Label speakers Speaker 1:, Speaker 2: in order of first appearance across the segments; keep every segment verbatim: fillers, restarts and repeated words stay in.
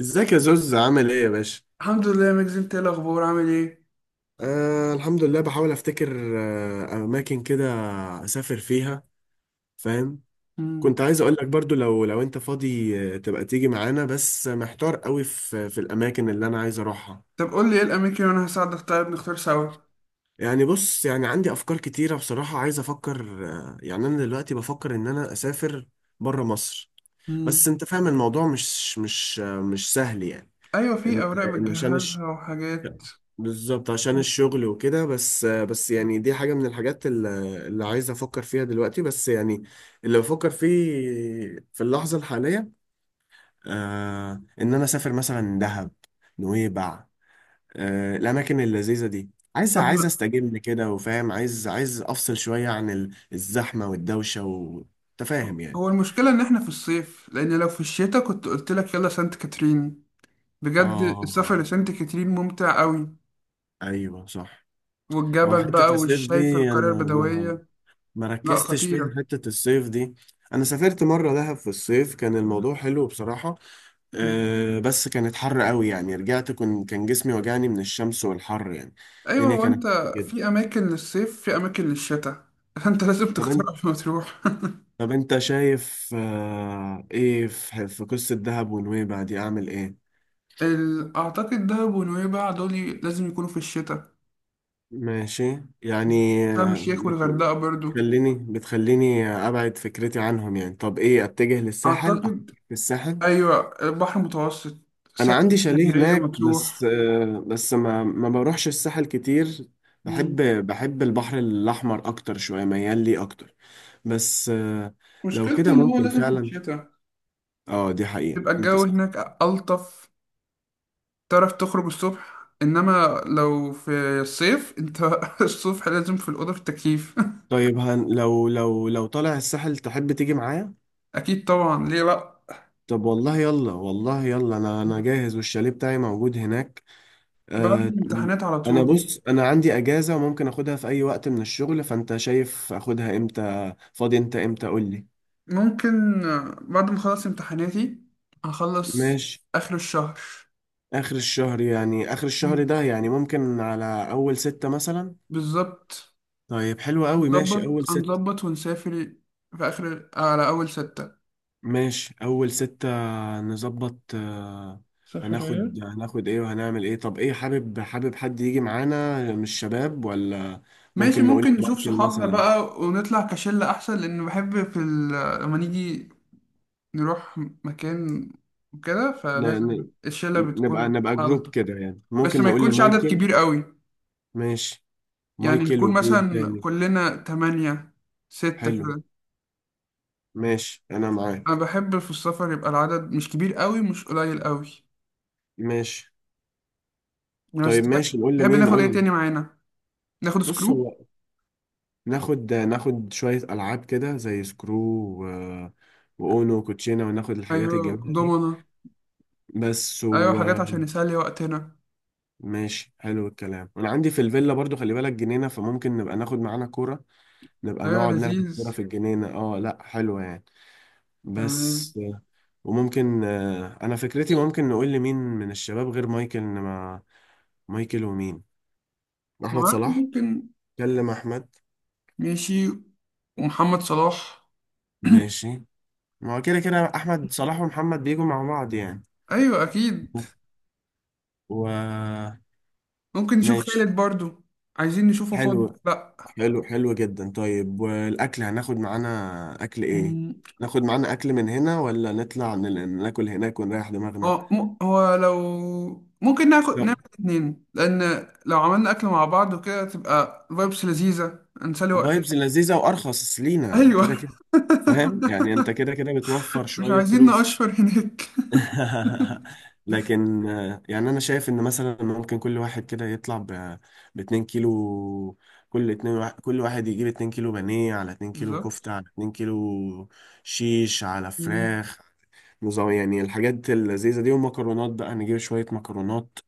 Speaker 1: ازيك يا زوز؟ عامل ايه يا باشا؟
Speaker 2: الحمد لله يا مجزي، انت ايه الاخبار عامل ايه؟
Speaker 1: آه الحمد لله. بحاول افتكر آه اماكن كده اسافر فيها، فاهم.
Speaker 2: مم.
Speaker 1: كنت عايز اقول لك برضو، لو لو انت فاضي آه، تبقى تيجي معانا، بس محتار قوي في في الاماكن اللي انا عايز اروحها.
Speaker 2: طب قول لي ايه الاماكن وانا هساعدك، طيب نختار سوا.
Speaker 1: يعني بص، يعني عندي افكار كتيرة بصراحة، عايز افكر آه يعني. انا دلوقتي بفكر ان انا اسافر بره مصر،
Speaker 2: مم.
Speaker 1: بس انت فاهم الموضوع مش مش آه مش سهل يعني.
Speaker 2: ايوه، في
Speaker 1: ان
Speaker 2: اوراق
Speaker 1: إن عشان،
Speaker 2: بتجهزها وحاجات.
Speaker 1: بالظبط عشان
Speaker 2: مم.
Speaker 1: الشغل وكده. بس بس يعني، دي حاجة من الحاجات ال- اللي عايز أفكر فيها دلوقتي. بس يعني اللي بفكر فيه في اللحظة الحالية آه إن أنا أسافر مثلا دهب، نويبع، آه الأماكن اللذيذة دي. عايز
Speaker 2: طب
Speaker 1: عايز
Speaker 2: ما
Speaker 1: أستجم كده، وفاهم، عايز عايز أفصل شوية عن ال- الزحمة والدوشة وتفاهم يعني.
Speaker 2: هو المشكله ان احنا في الصيف، لان لو في الشتاء كنت قلت لك يلا سانت كاترين. بجد السفر
Speaker 1: آه،
Speaker 2: لسانت كاترين ممتع قوي.
Speaker 1: أيوه صح. هو
Speaker 2: والجبل بقى
Speaker 1: حتة الصيف دي
Speaker 2: والشايف القريه
Speaker 1: أنا ما
Speaker 2: البدويه.
Speaker 1: ما
Speaker 2: لا،
Speaker 1: ركزتش فيها،
Speaker 2: خطيره.
Speaker 1: حتة الصيف دي. انا سافرت مرة دهب في الصيف، كان الموضوع حلو بصراحة.
Speaker 2: مم.
Speaker 1: أه، بس كانت حر قوي يعني، رجعت كن كان جسمي وجعني من الشمس والحر يعني.
Speaker 2: ايوه،
Speaker 1: الدنيا
Speaker 2: هو انت
Speaker 1: كانت حر جدا.
Speaker 2: في اماكن للصيف في اماكن للشتاء. انت لازم
Speaker 1: طب
Speaker 2: تختار
Speaker 1: انت
Speaker 2: قبل ما تروح.
Speaker 1: طب انت شايف أه ايه في, في قصة دهب ونويبع دي؟ اعمل ايه؟
Speaker 2: ال- أعتقد دهب ونويبع دول لازم يكونوا في الشتاء.
Speaker 1: ماشي يعني.
Speaker 2: شرم
Speaker 1: آه،
Speaker 2: الشيخ
Speaker 1: بت...
Speaker 2: والغردقة برضو.
Speaker 1: بتخليني بتخليني ابعد فكرتي عنهم يعني. طب ايه، اتجه للساحل؟ افكر
Speaker 2: أعتقد،
Speaker 1: في الساحل؟
Speaker 2: أيوة، البحر المتوسط.
Speaker 1: انا
Speaker 2: ساحل
Speaker 1: عندي شاليه
Speaker 2: اسكندرية،
Speaker 1: هناك، بس
Speaker 2: مطروح.
Speaker 1: آه، بس ما ما بروحش الساحل كتير.
Speaker 2: مم.
Speaker 1: بحب بحب البحر الاحمر اكتر شويه، ميال لي اكتر. بس آه، لو
Speaker 2: مشكلته
Speaker 1: كده
Speaker 2: إن هو
Speaker 1: ممكن
Speaker 2: لازم في
Speaker 1: فعلا.
Speaker 2: الشتاء
Speaker 1: اه، دي حقيقه،
Speaker 2: تبقى
Speaker 1: انت
Speaker 2: الجو
Speaker 1: صح.
Speaker 2: هناك ألطف. تعرف تخرج الصبح، إنما لو في الصيف أنت الصبح لازم في الأوضة في التكييف.
Speaker 1: طيب هن لو لو لو طالع الساحل، تحب تيجي معايا؟
Speaker 2: أكيد طبعا، ليه لأ.
Speaker 1: طب والله يلا، والله يلا. انا انا جاهز، والشاليه بتاعي موجود هناك.
Speaker 2: بعد
Speaker 1: آه،
Speaker 2: الامتحانات على
Speaker 1: انا
Speaker 2: طول.
Speaker 1: بص، انا عندي اجازه وممكن اخدها في اي وقت من الشغل. فانت شايف اخدها امتى؟ فاضي انت امتى؟ قول لي.
Speaker 2: ممكن بعد ما أخلص امتحاناتي، هخلص
Speaker 1: ماشي.
Speaker 2: آخر الشهر.
Speaker 1: آخر الشهر، يعني آخر الشهر
Speaker 2: مم.
Speaker 1: ده؟ يعني ممكن على أول ستة مثلا.
Speaker 2: بالظبط.
Speaker 1: طيب حلو قوي،
Speaker 2: هنظبط
Speaker 1: ماشي أول ستة
Speaker 2: هنظبط ونسافر في آخر على أول ستة.
Speaker 1: ماشي أول ستة نظبط. آه،
Speaker 2: سفرية.
Speaker 1: هناخد هناخد إيه وهنعمل إيه؟ طب إيه، حابب حابب حد يجي معانا من الشباب ولا؟
Speaker 2: ماشي،
Speaker 1: ممكن نقول
Speaker 2: ممكن نشوف
Speaker 1: مايكل
Speaker 2: صحابنا
Speaker 1: مثلا.
Speaker 2: بقى ونطلع كشلة أحسن، لأن بحب في ال... لما نيجي نروح مكان وكده،
Speaker 1: ن-
Speaker 2: فلازم
Speaker 1: ن-
Speaker 2: الشلة
Speaker 1: نبقى
Speaker 2: بتكون
Speaker 1: نبقى جروب
Speaker 2: ألطف.
Speaker 1: كده يعني،
Speaker 2: بس
Speaker 1: ممكن
Speaker 2: ما
Speaker 1: نقول
Speaker 2: يكونش عدد
Speaker 1: لمايكل.
Speaker 2: كبير قوي.
Speaker 1: ماشي.
Speaker 2: يعني
Speaker 1: مايكل
Speaker 2: نكون
Speaker 1: ومين
Speaker 2: مثلا
Speaker 1: تاني؟
Speaker 2: كلنا تمانية، ستة
Speaker 1: حلو.
Speaker 2: كده.
Speaker 1: ماشي أنا
Speaker 2: انا
Speaker 1: معاك.
Speaker 2: بحب في السفر يبقى العدد مش كبير قوي مش قليل قوي.
Speaker 1: ماشي.
Speaker 2: بس
Speaker 1: طيب
Speaker 2: تحب
Speaker 1: ماشي، نقول
Speaker 2: تحب
Speaker 1: لمين؟
Speaker 2: ناخد
Speaker 1: قول
Speaker 2: ايه
Speaker 1: لي.
Speaker 2: تاني معانا؟ ناخد
Speaker 1: بص
Speaker 2: سكرو.
Speaker 1: هو، ناخد ناخد شوية ألعاب كده زي سكرو، و... وأونو وكوتشينة، وناخد الحاجات
Speaker 2: ايوه،
Speaker 1: الجميلة دي.
Speaker 2: دومنا.
Speaker 1: بس.
Speaker 2: ايوه، حاجات عشان
Speaker 1: وماشي.
Speaker 2: نسلي وقتنا.
Speaker 1: حلو الكلام. وأنا عندي في الفيلا برضو، خلي بالك جنينة، فممكن نبقى ناخد معانا كورة، نبقى
Speaker 2: ايوه،
Speaker 1: نقعد نلعب
Speaker 2: لذيذ.
Speaker 1: كورة في الجنينة. اه لأ، حلوة يعني.
Speaker 2: تمام.
Speaker 1: بس. وممكن آه، أنا فكرتي ممكن نقول لمين من الشباب غير مايكل. إن ما مايكل ومين؟
Speaker 2: ما
Speaker 1: أحمد
Speaker 2: اعرفش،
Speaker 1: صلاح.
Speaker 2: ممكن.
Speaker 1: كلم أحمد.
Speaker 2: ماشي. ومحمد صلاح.
Speaker 1: ماشي. ما هو كده كده أحمد صلاح ومحمد بيجوا مع بعض يعني.
Speaker 2: ايوه، اكيد.
Speaker 1: و.
Speaker 2: ممكن نشوف
Speaker 1: ماشي.
Speaker 2: خالد برضو. عايزين نشوفه فاضي
Speaker 1: حلو
Speaker 2: ولا لا.
Speaker 1: حلو حلو جدا. طيب والاكل، هناخد معانا اكل ايه؟
Speaker 2: مم.
Speaker 1: ناخد معانا اكل من هنا، ولا نطلع نل- ناكل هناك ونريح دماغنا؟
Speaker 2: هو م- هو لو ممكن ناخد نعمل
Speaker 1: لا،
Speaker 2: اتنين، لان لو عملنا اكل مع بعض وكده تبقى فايبس لذيذة نسلي وقتنا.
Speaker 1: فايبز لذيذة، وارخص لينا
Speaker 2: ايوه.
Speaker 1: كده كده. فاهم يعني، انت كده كده بتوفر
Speaker 2: مش
Speaker 1: شوية
Speaker 2: عايزين
Speaker 1: فلوس.
Speaker 2: نقشر هناك.
Speaker 1: لكن آه، يعني انا شايف ان مثلا ممكن كل واحد كده يطلع ب اتنين كيلو. كل اتنين، وا- كل واحد يجيب اتنين كيلو بانيه، على اتنين كيلو
Speaker 2: بالظبط.
Speaker 1: كفتة، على اتنين كيلو شيش، على
Speaker 2: مم.
Speaker 1: فراخ. نظام يعني، الحاجات اللذيذة دي. ومكرونات بقى، نجيب شوية مكرونات.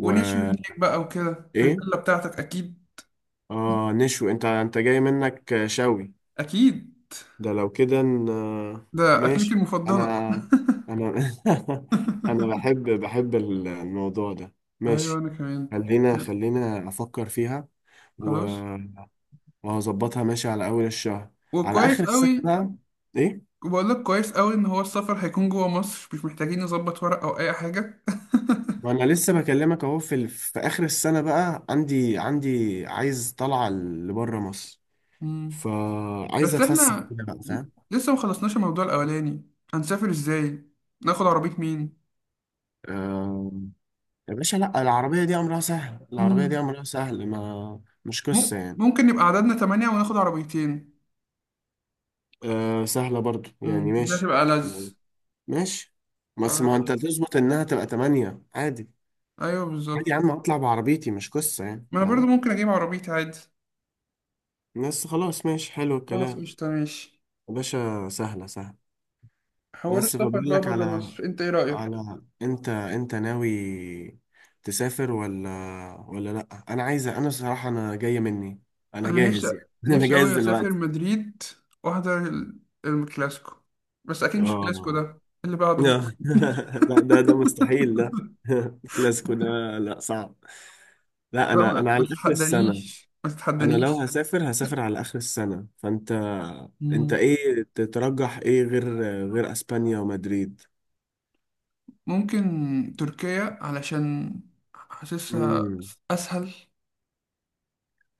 Speaker 2: ونشوي هناك بقى وكده في
Speaker 1: ايه،
Speaker 2: الفيلا بتاعتك اكيد.
Speaker 1: اه نشوي. انت انت جاي منك شوي.
Speaker 2: اكيد،
Speaker 1: ده لو كده ن-
Speaker 2: ده اكلتي
Speaker 1: ماشي.
Speaker 2: المفضله.
Speaker 1: انا. انا. انا بحب بحب الموضوع ده.
Speaker 2: ايوه،
Speaker 1: ماشي.
Speaker 2: انا كمان.
Speaker 1: خلينا خلينا افكر فيها.
Speaker 2: خلاص،
Speaker 1: و- وهظبطها، ماشي على اول الشهر. على
Speaker 2: وكويس
Speaker 1: اخر السنة
Speaker 2: قوي.
Speaker 1: بقى. ايه،
Speaker 2: وبقول لك كويس قوي ان هو السفر هيكون جوه مصر، مش محتاجين نظبط ورق او اي حاجه.
Speaker 1: وانا لسه بكلمك اهو، في ال... في اخر السنة بقى عندي عندي عايز طلعة لبره مصر.
Speaker 2: مم.
Speaker 1: فعايز
Speaker 2: بس
Speaker 1: اتفسح
Speaker 2: احنا
Speaker 1: كده بقى،
Speaker 2: ل-
Speaker 1: فاهم.
Speaker 2: لسه ما خلصناش الموضوع الاولاني، هنسافر ازاي؟ ناخد عربيه.
Speaker 1: آه، يا باشا لا، العربية دي امرها سهل. العربية دي
Speaker 2: مين؟
Speaker 1: امرها سهل، ما مش قصة
Speaker 2: مم-
Speaker 1: يعني.
Speaker 2: ممكن نبقى عددنا تمانية وناخد عربيتين.
Speaker 1: آه، سهلة برضو يعني،
Speaker 2: مم، دي
Speaker 1: ماشي.
Speaker 2: هتبقى ألذ.
Speaker 1: يعني ماشي، بس ما انت
Speaker 2: خلاص.
Speaker 1: تظبط انها تبقى تمانية عادي.
Speaker 2: أيوه،
Speaker 1: عادي
Speaker 2: بالظبط.
Speaker 1: يا عم، اطلع بعربيتي مش قصة يعني،
Speaker 2: ما أنا برضو
Speaker 1: فاهم.
Speaker 2: ممكن أجيب عربيتي عادي.
Speaker 1: بس خلاص، ماشي، حلو
Speaker 2: خلاص،
Speaker 1: الكلام.
Speaker 2: قشطة، ماشي.
Speaker 1: يا باشا، سهلة سهلة.
Speaker 2: حوار
Speaker 1: بس
Speaker 2: السفر
Speaker 1: فبقول
Speaker 2: بقى
Speaker 1: لك
Speaker 2: بره
Speaker 1: على،
Speaker 2: مصر، أنت إيه رأيك؟
Speaker 1: على انت انت ناوي تسافر ولا ولا لا، انا عايزه، انا صراحه انا جايه مني، انا
Speaker 2: أنا نفسي،
Speaker 1: جاهز يعني. انا
Speaker 2: نفسي أوي
Speaker 1: جاهز
Speaker 2: أسافر
Speaker 1: دلوقتي.
Speaker 2: مدريد وأحضر ال- الكلاسيكو. بس أكيد مش الكلاسيكو
Speaker 1: اه.
Speaker 2: ده، اللي بعده م-
Speaker 1: لا لا، ده ده مستحيل ده. الكلاسيكو ده لا، صعب. لا،
Speaker 2: لا،
Speaker 1: انا
Speaker 2: ما
Speaker 1: انا
Speaker 2: ما
Speaker 1: على اخر السنه.
Speaker 2: تتحدانيش، ما
Speaker 1: انا لو
Speaker 2: تتحدانيش.
Speaker 1: هسافر هسافر على اخر السنه. فانت، انت
Speaker 2: مم.
Speaker 1: ايه تترجح؟ ايه غير غير اسبانيا ومدريد؟
Speaker 2: ممكن تركيا علشان حاسسها
Speaker 1: امم
Speaker 2: أسهل.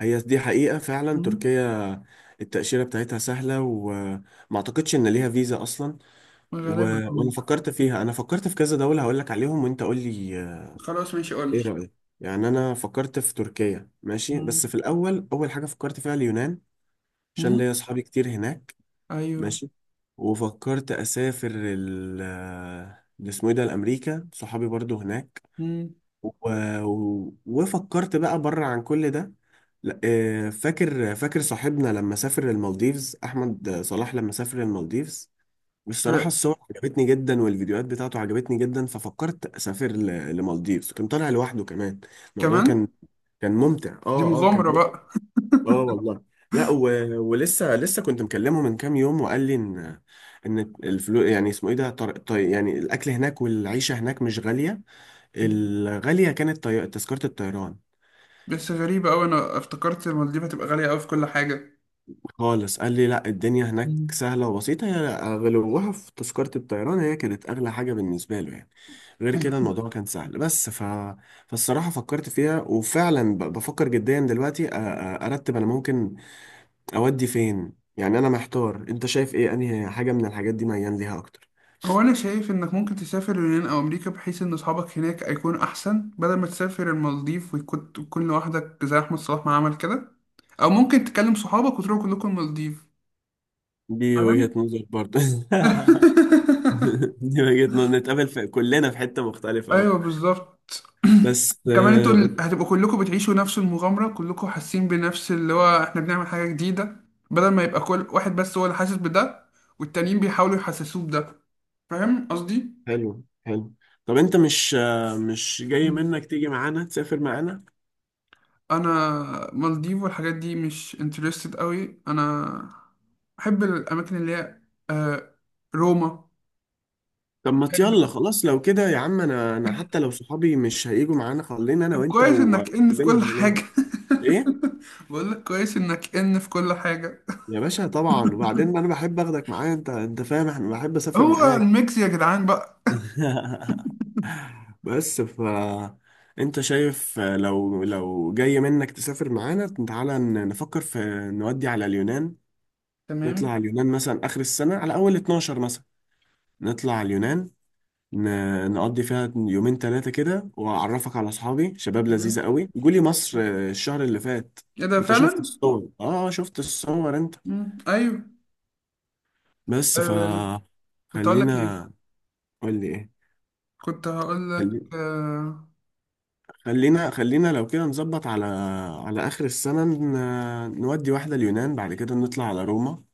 Speaker 1: هي دي حقيقة فعلا،
Speaker 2: مم.
Speaker 1: تركيا. التأشيرة بتاعتها سهلة، وما اعتقدش ان ليها فيزا اصلا. و...
Speaker 2: غالبا
Speaker 1: وانا
Speaker 2: آه.
Speaker 1: فكرت فيها. انا فكرت في كذا دولة، هقول لك عليهم وانت قول لي آه،
Speaker 2: خلاص ماشي، قول لي.
Speaker 1: ايه رأيك. يعني انا فكرت في تركيا، ماشي، بس
Speaker 2: مم.
Speaker 1: في الاول، اول حاجة فكرت فيها اليونان، عشان
Speaker 2: مم.
Speaker 1: ليا اصحابي كتير هناك.
Speaker 2: ايوه.
Speaker 1: ماشي. وفكرت اسافر ال آه، ده اسمه ايه ده، الامريكا، صحابي برضو هناك.
Speaker 2: مم.
Speaker 1: و... وفكرت بقى بره عن كل ده. لا، آه، فاكر فاكر صاحبنا لما سافر المالديفز، احمد صلاح لما سافر المالديفز. والصراحه
Speaker 2: أه.
Speaker 1: الصور عجبتني جدا، والفيديوهات بتاعته عجبتني جدا. ففكرت اسافر ل- لمالديفز، كان طالع لوحده كمان. الموضوع كان
Speaker 2: كمان
Speaker 1: كان ممتع.
Speaker 2: دي
Speaker 1: اه اه، كان
Speaker 2: مغامرة
Speaker 1: ممتع.
Speaker 2: بقى.
Speaker 1: اه والله. لا. و... ولسه، لسه كنت مكلمه من كام يوم، وقال لي ان ان الفلوس يعني، اسمه ايه ده، طر... طي... يعني الاكل هناك والعيشه هناك مش غاليه.
Speaker 2: مم.
Speaker 1: الغالية كانت طي... تذكرة الطيران.
Speaker 2: بس غريبة أوي، أنا افتكرت المالديف هتبقى غالية أوي في كل حاجة.
Speaker 1: خالص، قال لي لا، الدنيا هناك
Speaker 2: مم.
Speaker 1: سهلة وبسيطة، هي غلوها في تذكرة الطيران، هي كانت أغلى حاجة بالنسبة له يعني. غير كده الموضوع كان سهل. بس ف... فالصراحة فكرت فيها، وفعلا ب... بفكر جديا دلوقتي أ... أ- أرتب أنا ممكن أودي فين يعني. أنا محتار، أنت شايف إيه؟ أنهي حاجة من الحاجات دي ميال ليها أكتر؟
Speaker 2: هو أنا شايف إنك ممكن تسافر اليونان أو أمريكا، بحيث إن أصحابك هناك هيكون أحسن، بدل ما تسافر المالديف ويكون تكون لوحدك زي أحمد صلاح ما عمل كده. أو ممكن تكلم صحابك وتروحوا كلكم المالديف.
Speaker 1: دي وجهة
Speaker 2: فاهم؟
Speaker 1: نظر برضه. دي وجهة نظر، نتقابل في كلنا في حتة مختلفة بقى.
Speaker 2: أيوه، بالظبط.
Speaker 1: بس.
Speaker 2: وكمان انتوا ال- هتبقوا كلكم بتعيشوا نفس المغامرة، كلكم حاسين بنفس اللي هو احنا بنعمل حاجة جديدة. بدل ما يبقى كل واحد بس هو اللي حاسس بده، والتانيين بيحاولوا يحسسوه بده. فاهم قصدي؟
Speaker 1: حلو حلو. طب انت مش مش جاي منك تيجي معانا، تسافر معانا؟
Speaker 2: انا مالديف والحاجات دي مش انترستد قوي انا. بحب الاماكن اللي هي آه، روما.
Speaker 1: طب ما يلا
Speaker 2: بحب.
Speaker 1: خلاص، لو كده يا عم، انا انا حتى لو صحابي مش هيجوا معانا، خلينا انا
Speaker 2: طب
Speaker 1: وانت،
Speaker 2: كويس انك ان في كل
Speaker 1: ونقابلهم هناك.
Speaker 2: حاجه.
Speaker 1: ايه
Speaker 2: بقول لك كويس انك ان في كل حاجه.
Speaker 1: يا باشا، طبعا. وبعدين انا بحب اخدك معايا انت انت فاهم احنا، بحب اسافر
Speaker 2: هو
Speaker 1: معاك.
Speaker 2: الميكس يا جدعان بقى.
Speaker 1: بس ف انت شايف، لو لو جاي منك تسافر معانا، تعالى ن- نفكر في، نودي على اليونان. نطلع
Speaker 2: تمام.
Speaker 1: على اليونان مثلا اخر السنة، على اول اتناشر مثلا. نطلع على اليونان، ن- نقضي فيها يومين ثلاثة كده، وأعرفك على أصحابي، شباب لذيذة
Speaker 2: تمام،
Speaker 1: قوي، جولي مصر آه، الشهر اللي فات.
Speaker 2: ايه ده
Speaker 1: أنت شفت
Speaker 2: فعلا.
Speaker 1: الصور؟ آه شفت الصور أنت.
Speaker 2: مم. ايوه.
Speaker 1: بس ف
Speaker 2: آه. كنت هقول لك ايه.
Speaker 1: خلينا. قول لي إيه؟
Speaker 2: كنت هقول لك
Speaker 1: خلي...
Speaker 2: آه.
Speaker 1: خلينا خلينا لو كده نظبط على، على آخر السنة ن... نودي واحدة اليونان، بعد كده نطلع على روما،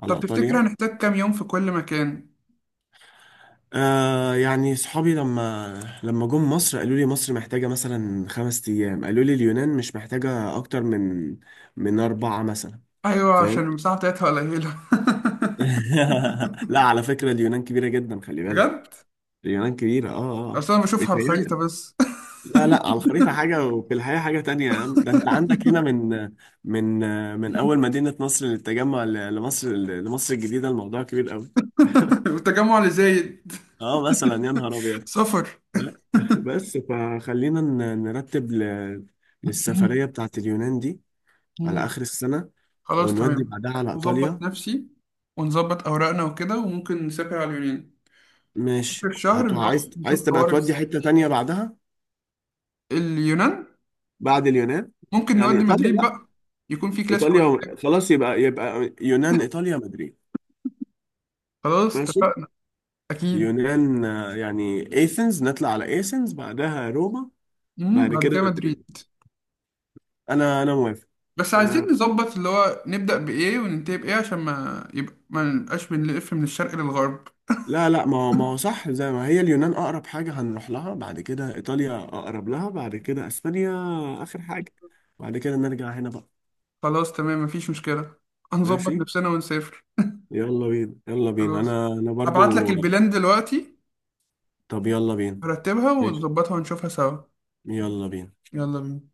Speaker 1: على
Speaker 2: طب تفتكر
Speaker 1: إيطاليا.
Speaker 2: هنحتاج كام يوم في كل مكان؟
Speaker 1: آه يعني صحابي لما لما جم مصر قالوا لي مصر محتاجة مثلا خمس أيام، قالوا لي اليونان مش محتاجة أكتر من من أربعة مثلا.
Speaker 2: ايوه، عشان
Speaker 1: فاهم.
Speaker 2: المساحه بتاعتها قليله.
Speaker 1: لا على فكرة، اليونان كبيرة جدا، خلي بالك.
Speaker 2: بجد.
Speaker 1: اليونان كبيرة، اه اه.
Speaker 2: اصل انا بشوفها على الخريطه
Speaker 1: بيتهيألك.
Speaker 2: بس.
Speaker 1: لا لا، على الخريطة حاجة وفي الحقيقة حاجة تانية يا عم. ده انت عندك هنا من، من من أول مدينة مصر للتجمع، ل- لمصر لمصر الجديدة، الموضوع كبير قوي.
Speaker 2: والتجمع اللي زايد.
Speaker 1: اه، مثلا يا نهار أبيض.
Speaker 2: سفر.
Speaker 1: ب- بس فخلينا ن- نرتب ل- للسفرية بتاعت اليونان دي، على
Speaker 2: مم.
Speaker 1: آخر السنة،
Speaker 2: خلاص،
Speaker 1: ونودي
Speaker 2: تمام.
Speaker 1: بعدها على
Speaker 2: نظبط
Speaker 1: إيطاليا.
Speaker 2: نفسي ونظبط اوراقنا وكده، وممكن نسافر على اليونان اخر
Speaker 1: ماشي.
Speaker 2: الشهر.
Speaker 1: هتو
Speaker 2: نروح
Speaker 1: عايز عايز
Speaker 2: نشوف
Speaker 1: تبقى
Speaker 2: حوار
Speaker 1: تودي
Speaker 2: الساحل.
Speaker 1: حتة تانية بعدها؟
Speaker 2: اليونان.
Speaker 1: بعد اليونان
Speaker 2: ممكن
Speaker 1: يعني
Speaker 2: نودي
Speaker 1: ايطاليا؟
Speaker 2: مدريد
Speaker 1: لا،
Speaker 2: بقى، يكون في كلاسيكو ولا
Speaker 1: ايطاليا
Speaker 2: حاجه.
Speaker 1: خلاص، يبقى يبقى يونان، ايطاليا، مدريد.
Speaker 2: خلاص
Speaker 1: ماشي.
Speaker 2: اتفقنا. اكيد.
Speaker 1: يونان آه، يعني ايثنز، نطلع على ايثنز، بعدها روما،
Speaker 2: امم
Speaker 1: بعد
Speaker 2: بعد
Speaker 1: كده
Speaker 2: كده
Speaker 1: مدريد.
Speaker 2: مدريد.
Speaker 1: انا انا موافق.
Speaker 2: بس
Speaker 1: آه،
Speaker 2: عايزين نظبط اللي هو نبدأ بإيه وننتهي بإيه، عشان ما يبقى ما نبقاش بنلف من الشرق للغرب.
Speaker 1: لا لا، ما هو، ما هو صح، زي ما هي اليونان اقرب حاجه هنروح لها، بعد كده ايطاليا اقرب لها، بعد كده اسبانيا اخر حاجه، بعد كده نرجع هنا بقى.
Speaker 2: خلاص تمام، مفيش مشكلة.
Speaker 1: ماشي
Speaker 2: هنظبط نفسنا ونسافر.
Speaker 1: يلا بينا، يلا بينا.
Speaker 2: خلاص.
Speaker 1: انا انا
Speaker 2: هبعت لك
Speaker 1: برضو.
Speaker 2: البلان دلوقتي،
Speaker 1: طب يلا بينا.
Speaker 2: هرتبها
Speaker 1: ماشي.
Speaker 2: ونظبطها ونشوفها سوا.
Speaker 1: يلا بينا.
Speaker 2: يلا بينا.